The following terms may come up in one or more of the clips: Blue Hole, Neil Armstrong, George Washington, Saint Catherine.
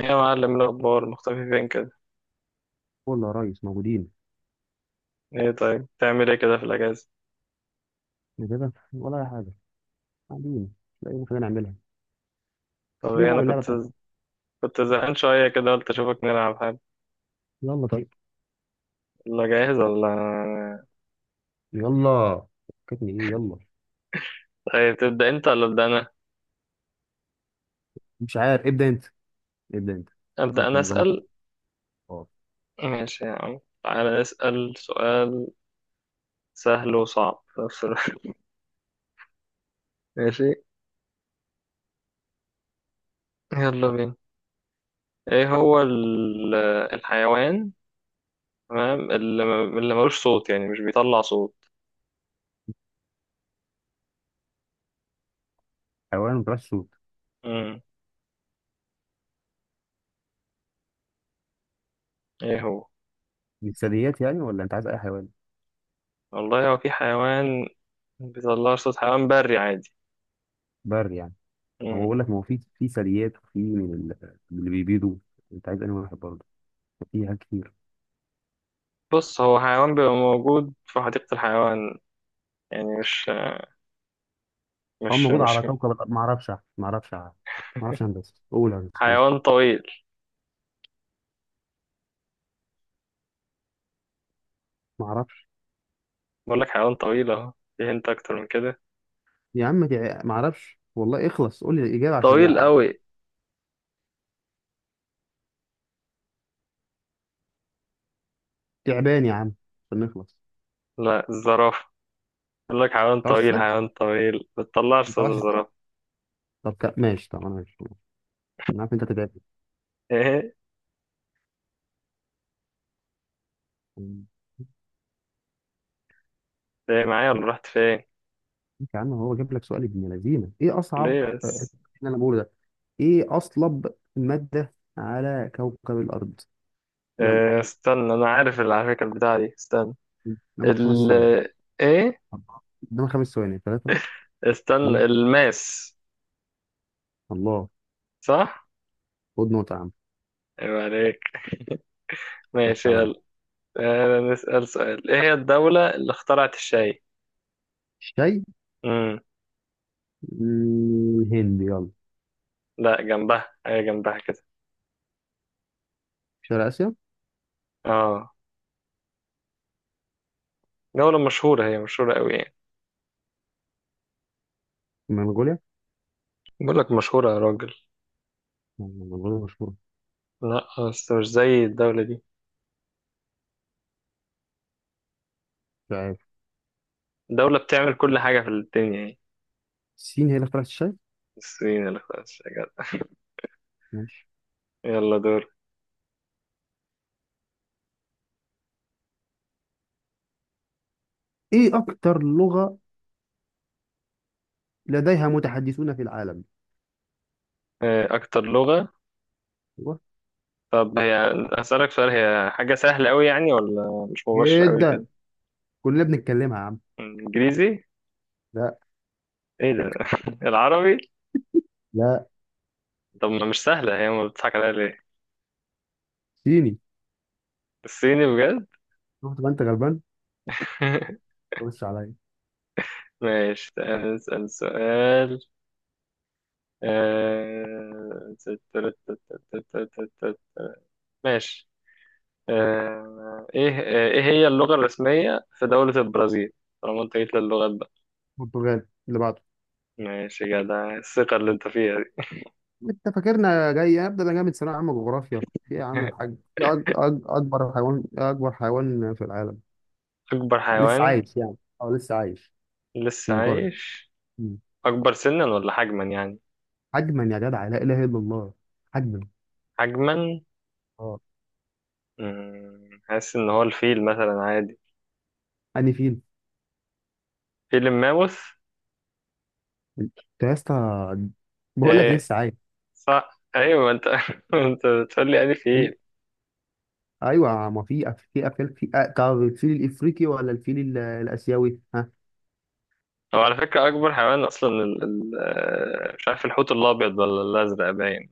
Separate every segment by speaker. Speaker 1: يا معلم، إيه الأخبار؟ مختفي فين كده؟
Speaker 2: كله يا ريس موجودين.
Speaker 1: إيه طيب، تعمل إيه كده في الأجازة؟
Speaker 2: إيه كده ولا اي حاجه؟ قاعدين، مش لاقيين حاجه نعملها.
Speaker 1: طب
Speaker 2: تيجي
Speaker 1: إيه، أنا
Speaker 2: نلعب اللعبه
Speaker 1: كنت
Speaker 2: بتاعتك.
Speaker 1: كنت زهقان شوية كده، قلت أشوفك نلعب حاجة.
Speaker 2: يلا طيب.
Speaker 1: يلا جاهز ولا؟
Speaker 2: يلا. فكتني ايه، يلا.
Speaker 1: طيب تبدأ أنت ولا أبدأ أنا؟
Speaker 2: مش عارف، ابدا انت. ابدا انت
Speaker 1: أبدأ
Speaker 2: شوف
Speaker 1: أنا
Speaker 2: نظامك.
Speaker 1: أسأل؟
Speaker 2: اه.
Speaker 1: ماشي يا عم، تعالى نسأل سؤال سهل وصعب في نفس الوقت. ماشي، يلا بينا. إيه هو الحيوان، تمام، اللي ملوش صوت، يعني مش بيطلع صوت؟
Speaker 2: حيوان ما بتعرفش صوت.
Speaker 1: مم. إيه هو؟
Speaker 2: دي ثدييات يعني ولا انت عايز اي حيوان؟
Speaker 1: والله هو في حيوان بيطلع صوت، حيوان بري عادي.
Speaker 2: بر يعني. هو بقول لك ما هو في ثدييات، وفي من من اللي بيبيضوا. انت عايز انهي واحد برضه؟ في حاجات كتير.
Speaker 1: بص، هو حيوان بيبقى موجود في حديقة الحيوان، يعني مش
Speaker 2: هو
Speaker 1: مش
Speaker 2: موجود على
Speaker 1: مش
Speaker 2: كوكب الأرض. ما اعرفش. ما اعرفش ما يا هندسه قول يا هندسه قول.
Speaker 1: حيوان طويل.
Speaker 2: ما اعرفش.
Speaker 1: بقول لك حيوان طويل اهو، في هنت اكتر من كده.
Speaker 2: يا عم ما اعرفش والله، اخلص قول لي الاجابه، عشان
Speaker 1: طويل قوي.
Speaker 2: تعبان يا عم، عشان نخلص.
Speaker 1: لا الزرافة، بقول لك حيوان
Speaker 2: ما طلعش
Speaker 1: طويل،
Speaker 2: الصوت.
Speaker 1: حيوان طويل بتطلعش
Speaker 2: ما
Speaker 1: صوت
Speaker 2: طلعش الصوت.
Speaker 1: الزرافة.
Speaker 2: طب ماشي. طب انا ماشي. انا عارف انت هتتعبني.
Speaker 1: ايه،
Speaker 2: ماشي.
Speaker 1: ايه معايا ولا رحت فين؟
Speaker 2: يا عم هو جاب لك سؤال ابن لذينه، ايه اصعب؟
Speaker 1: ليه
Speaker 2: اللي
Speaker 1: بس؟
Speaker 2: انا بقوله ده، ايه اصلب ماده على كوكب الارض؟ يلا،
Speaker 1: إيه استنى، انا عارف اللي على فكرة، البتاعة دي، استنى
Speaker 2: قدامك خمس
Speaker 1: ال
Speaker 2: ثواني.
Speaker 1: ايه،
Speaker 2: أربعة. قدامك خمس ثواني، ثلاثه،
Speaker 1: استنى،
Speaker 2: اثنين.
Speaker 1: الماس.
Speaker 2: الله.
Speaker 1: صح.
Speaker 2: خد نقطه يا عم.
Speaker 1: ايوه، عليك.
Speaker 2: خش
Speaker 1: ماشي،
Speaker 2: عليا.
Speaker 1: يلا. آه، نسأل سؤال. ايه هي الدولة اللي اخترعت الشاي؟
Speaker 2: الشاي. الهند، يلا.
Speaker 1: لا جنبها، هي جنبها كده.
Speaker 2: شرق اسيا.
Speaker 1: اه. دولة مشهورة، هي مشهورة قوي يعني.
Speaker 2: منغوليا.
Speaker 1: بقول لك مشهورة يا راجل.
Speaker 2: منغوليا مشهوره.
Speaker 1: لا بس مش زي الدولة دي.
Speaker 2: مش عارف.
Speaker 1: الدولة بتعمل كل حاجة في الدنيا يعني.
Speaker 2: الصين هي اللي اخترعت الشاي.
Speaker 1: الصين اللي، خلاص يا جدع.
Speaker 2: ماشي.
Speaker 1: يلا دور.
Speaker 2: ايه اكتر لغه لديها متحدثون في العالم؟
Speaker 1: آه، أكتر لغة.
Speaker 2: أيوة.
Speaker 1: طب هي، أسألك سؤال، هي حاجة سهلة قوي يعني، ولا مش مباشرة قوي كده؟
Speaker 2: جدا، كلنا بنتكلمها يا عم.
Speaker 1: إنجليزي.
Speaker 2: لا.
Speaker 1: إيه ده؟ العربي.
Speaker 2: لا.
Speaker 1: طب ما مش سهلة هي، ما بتضحك عليها ليه؟
Speaker 2: صيني.
Speaker 1: الصيني بجد.
Speaker 2: شفت بقى انت غلبان. خش عليا.
Speaker 1: ماشي، تعال نسأل سؤال. آه، ماشي. آه، ايه هي اللغة الرسمية في دولة البرازيل؟ طالما انت جيت للغات بقى.
Speaker 2: برتغال اللي بعده.
Speaker 1: ماشي يا جدع، الثقة اللي انت فيها دي.
Speaker 2: انت فاكرنا جاي ابدا؟ انا جاي من ثانويه عامه جغرافيا. في إيه يا عم الحاج؟ في اكبر حيوان، اكبر حيوان في العالم.
Speaker 1: أكبر
Speaker 2: لسه
Speaker 1: حيوان
Speaker 2: عايش يعني، اه لسه عايش.
Speaker 1: لسه
Speaker 2: منقرض.
Speaker 1: عايش؟
Speaker 2: مم.
Speaker 1: أكبر سنا ولا حجما يعني؟
Speaker 2: حجما يا جدع، لا اله الا الله. حجما.
Speaker 1: حجما.
Speaker 2: اه.
Speaker 1: مم، حاسس إن هو الفيل مثلا عادي،
Speaker 2: اني فين.
Speaker 1: فيل الماموث.
Speaker 2: انت يا اسطى، بقول لك
Speaker 1: إيه؟
Speaker 2: لسه عايش.
Speaker 1: صح، أيوة، ما أنت ما أنت بتقول لي يعني فيل.
Speaker 2: ايوه، ما في في افيال، في طب الفيل الافريقي ولا الفيل الاسيوي، ها؟
Speaker 1: هو على فكرة أكبر حيوان أصلا آه، مش عارف، الحوت الأبيض ولا الأزرق باين.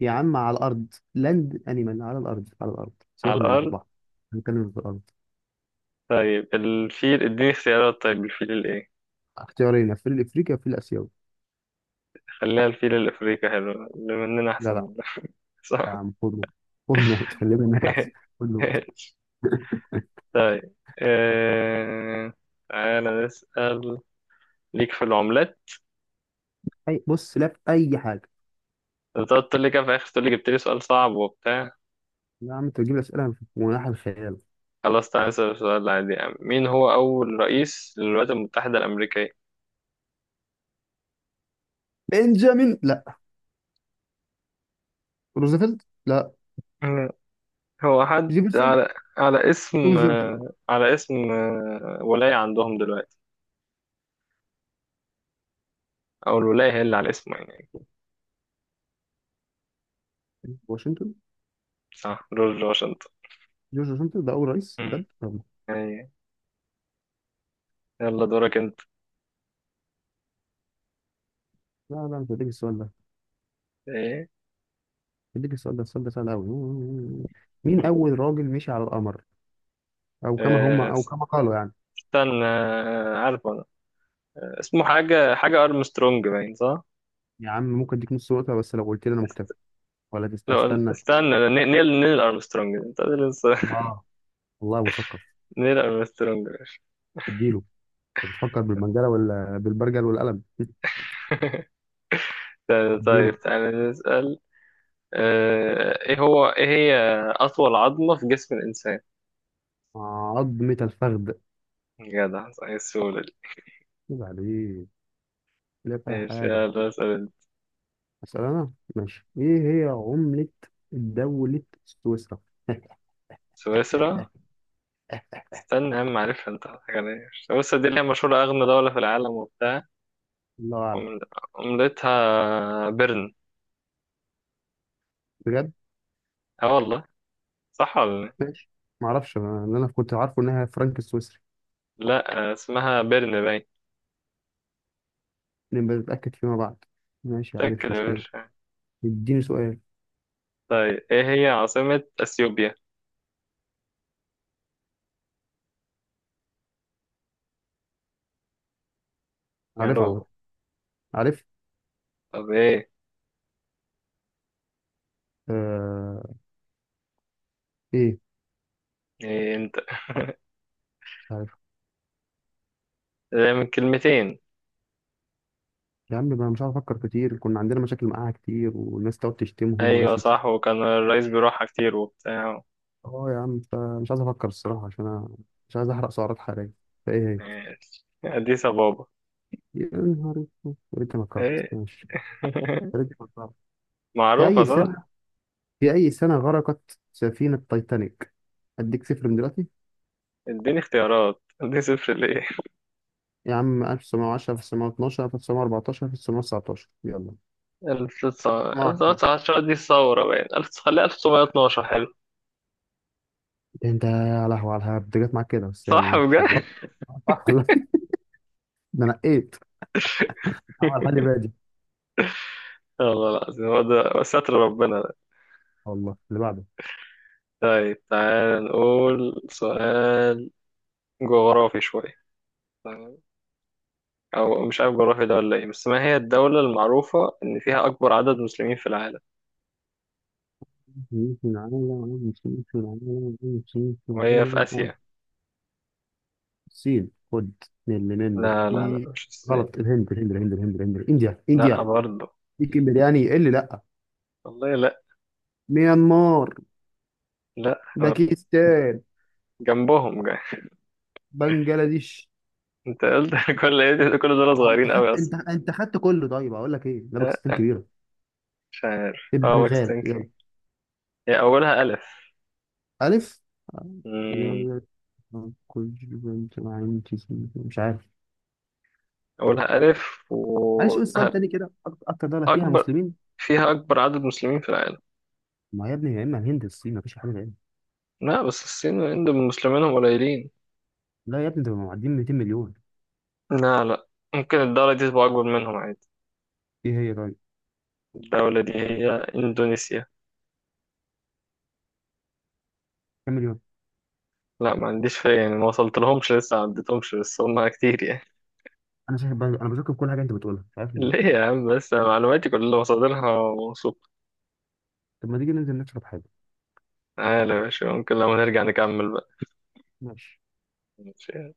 Speaker 2: يا عم على الارض، لاند انيمال، على الارض، على الارض،
Speaker 1: على
Speaker 2: سيبك من اللي في
Speaker 1: الأرض.
Speaker 2: البحر. هنتكلم في الارض.
Speaker 1: طيب الفيل، اديني اختيارات. طيب الفيل الإيه؟
Speaker 2: اختيارين، الفيل الافريقي والفيل الاسيوي.
Speaker 1: خليها الفيل الأفريقي، حلو اللي مننا أحسن
Speaker 2: لا لا.
Speaker 1: منه.
Speaker 2: يا
Speaker 1: صح.
Speaker 2: عم خد نقطة. خد نقطة، خلي منك احسن. خد نقطة.
Speaker 1: طيب تعالى نسأل. ليك في العملات؟
Speaker 2: اي بص، لا في اي حاجة.
Speaker 1: انت قلت لي كده في الآخر، تقول لي جبت لي سؤال صعب وبتاع.
Speaker 2: يا عم انت بتجيب لي اسئلة في مناحة الخيال.
Speaker 1: خلاص تعالى نسأل السؤال العادي يا عم. مين هو أول رئيس للولايات المتحدة الأمريكية؟
Speaker 2: بنجامين، لا. روزفلت، لا.
Speaker 1: هو حد
Speaker 2: جيفرسون.
Speaker 1: على على اسم
Speaker 2: توماس جيفرسون.
Speaker 1: آه، على اسم آه، ولاية عندهم دلوقتي، أو الولاية هي اللي على اسمه يعني.
Speaker 2: واشنطن.
Speaker 1: صح، جورج واشنطن.
Speaker 2: جورج واشنطن، ده اول رئيس
Speaker 1: مم.
Speaker 2: بجد. طب.
Speaker 1: أي، يلا دورك أنت.
Speaker 2: لا لا، مش هديك السؤال ده.
Speaker 1: إيه؟
Speaker 2: اديك السؤال ده، السؤال ده سهل قوي. مين
Speaker 1: مم.
Speaker 2: اول راجل مشي على القمر، او كما هم،
Speaker 1: آه،
Speaker 2: او كما قالوا يعني؟
Speaker 1: استنى، عارف أنا، اسمه حاجة أرمسترونج باين، صح؟
Speaker 2: يا عم ممكن اديك نص نقطه، بس لو قلت لي انا مكتفي ولا
Speaker 1: لو،
Speaker 2: استنى.
Speaker 1: استنى، نيل أرمسترونج، أنت لسه.
Speaker 2: اه والله مثقف.
Speaker 1: نيل أرمسترونج.
Speaker 2: اديله. انت بتفكر بالمنجله ولا بالبرجل والقلم اديله.
Speaker 1: طيب تعالى نسأل. آه، إيه هي أطول عظمة في جسم الإنسان؟
Speaker 2: عظمه الفخذ.
Speaker 1: جدع، صحيح السؤال.
Speaker 2: عيب عليك، لا فيها
Speaker 1: ماشي،
Speaker 2: حاجه.
Speaker 1: يلا اسأل انت.
Speaker 2: اسال انا، ماشي. ايه هي عمله دوله سويسرا؟
Speaker 1: سويسرا؟ استنى يا عم، عارفها. انت حاجة، ليه سويسرا دي اللي هي مشهورة أغنى دولة في العالم وبتاع.
Speaker 2: الله اعلم.
Speaker 1: عمل- عملتها بيرن.
Speaker 2: بجد.
Speaker 1: اه والله. صح ولا؟
Speaker 2: ماشي. معرفش، انا اللي انا كنت عارفه انها فرنك السويسري.
Speaker 1: لا لا، اسمها بيرن باين.
Speaker 2: نبقى نتأكد فيما بعد. ماشي، عارف، مش
Speaker 1: متأكد يا
Speaker 2: مشكلة.
Speaker 1: باشا.
Speaker 2: اديني سؤال.
Speaker 1: طيب، ايه هي عاصمة أثيوبيا؟
Speaker 2: عارف على فكرة.
Speaker 1: يالو.
Speaker 2: عارف.
Speaker 1: طب ايه؟
Speaker 2: آه... ايه.
Speaker 1: ايه انت؟
Speaker 2: مش عارف.
Speaker 1: ده من كلمتين.
Speaker 2: يا عم ما أنا مش عارف افكر كتير، كنا عندنا مشاكل معاها كتير، والناس تقعد تشتمهم وناس
Speaker 1: ايوه
Speaker 2: تشتم.
Speaker 1: صح، وكان الرئيس بيروحها كتير وبتاع.
Speaker 2: اه يا عم، فمش عايز افكر الصراحة، عشان انا مش عايز احرق سعرات حرارية. فايه هي؟
Speaker 1: ماشي، أديس أبابا.
Speaker 2: يا نهار اسود، انت فكرت،
Speaker 1: ايه؟
Speaker 2: ماشي. يا ريتني فكرت. في
Speaker 1: معروفة
Speaker 2: اي
Speaker 1: صح.
Speaker 2: سنة، غرقت سفينة تايتانيك؟ اديك صفر من دلوقتي.
Speaker 1: اديني اختيارات، اديني صفر ليه؟
Speaker 2: يا عم، 1910، 1912، 1914، 1919، يلا. 1920.
Speaker 1: 1910 دي الثورة باين، 1000، خليها 1912، حلو.
Speaker 2: انت يا لهوي، على الهبد جت معاك كده، بس يلا
Speaker 1: صح
Speaker 2: ماشي شغال.
Speaker 1: بجد؟
Speaker 2: صح والله. ده نقيت، عمل حالي بادي.
Speaker 1: والله العظيم، هو ده ستر ربنا ده.
Speaker 2: والله اللي بعده.
Speaker 1: طيب تعال نقول سؤال جغرافي شوية، تمام؟ أو مش عارف جغرافي ده ولا إيه، بس ما هي الدولة المعروفة إن فيها أكبر عدد مسلمين في العالم،
Speaker 2: نمشي العالم، نمشي العالم، نمشي
Speaker 1: وهي في
Speaker 2: العالم.
Speaker 1: آسيا؟
Speaker 2: الصين، خد من اللي منه
Speaker 1: لا لا لا،
Speaker 2: في.
Speaker 1: مش الصين.
Speaker 2: غلط. الهند الهند الهند الهند الهند، انديا
Speaker 1: لا
Speaker 2: انديا.
Speaker 1: برضه.
Speaker 2: ليك برياني، إيه اللي لا.
Speaker 1: والله لا.
Speaker 2: ميانمار.
Speaker 1: لا برضه.
Speaker 2: باكستان.
Speaker 1: جنبهم جاي.
Speaker 2: بنجلاديش.
Speaker 1: أنت قلت كل إيه ده؟ كل دول
Speaker 2: انت
Speaker 1: صغيرين أوي
Speaker 2: خدت،
Speaker 1: أصلا.
Speaker 2: انت خدت كله، طيب اقول لك ايه؟ لا باكستان
Speaker 1: لا،
Speaker 2: كبيره.
Speaker 1: مش عارف، اه ماكس
Speaker 2: البنغال،
Speaker 1: تنكي.
Speaker 2: يلا.
Speaker 1: هي أولها ألف.
Speaker 2: ألف
Speaker 1: مم.
Speaker 2: يعني. كل بنت عندي. مش عارف.
Speaker 1: أولها ألف
Speaker 2: معلش، قول السؤال
Speaker 1: وأكبر.
Speaker 2: تاني كده. أكتر دولة فيها
Speaker 1: أكبر،
Speaker 2: مسلمين.
Speaker 1: فيها أكبر عدد مسلمين في العالم.
Speaker 2: ما يا ابني، يا إما الهند يا الصين، مفيش حاجة غيرها.
Speaker 1: لا بس الصين والهند مسلمينهم قليلين.
Speaker 2: لا يا ابني، ده معديين 200 مليون.
Speaker 1: لا لا، ممكن الدولة دي تبقى أكبر منهم عادي.
Speaker 2: إيه هي طيب؟
Speaker 1: الدولة دي هي إندونيسيا.
Speaker 2: كام مليون؟
Speaker 1: لا ما عنديش فيها يعني، ما وصلت لهمش لسه، ما عدتهمش، بس هم كتير يعني.
Speaker 2: أنا شايف أنا بشك في كل حاجة أنت بتقولها، مش عارف ليه.
Speaker 1: ليه يا عم بس، أنا معلوماتي كلها مصادرها موثوقة.
Speaker 2: طب ما تيجي ننزل نشرب حاجة.
Speaker 1: تعالى يا باشا، ممكن لما نرجع نكمل بقى.
Speaker 2: ماشي.
Speaker 1: ماشي.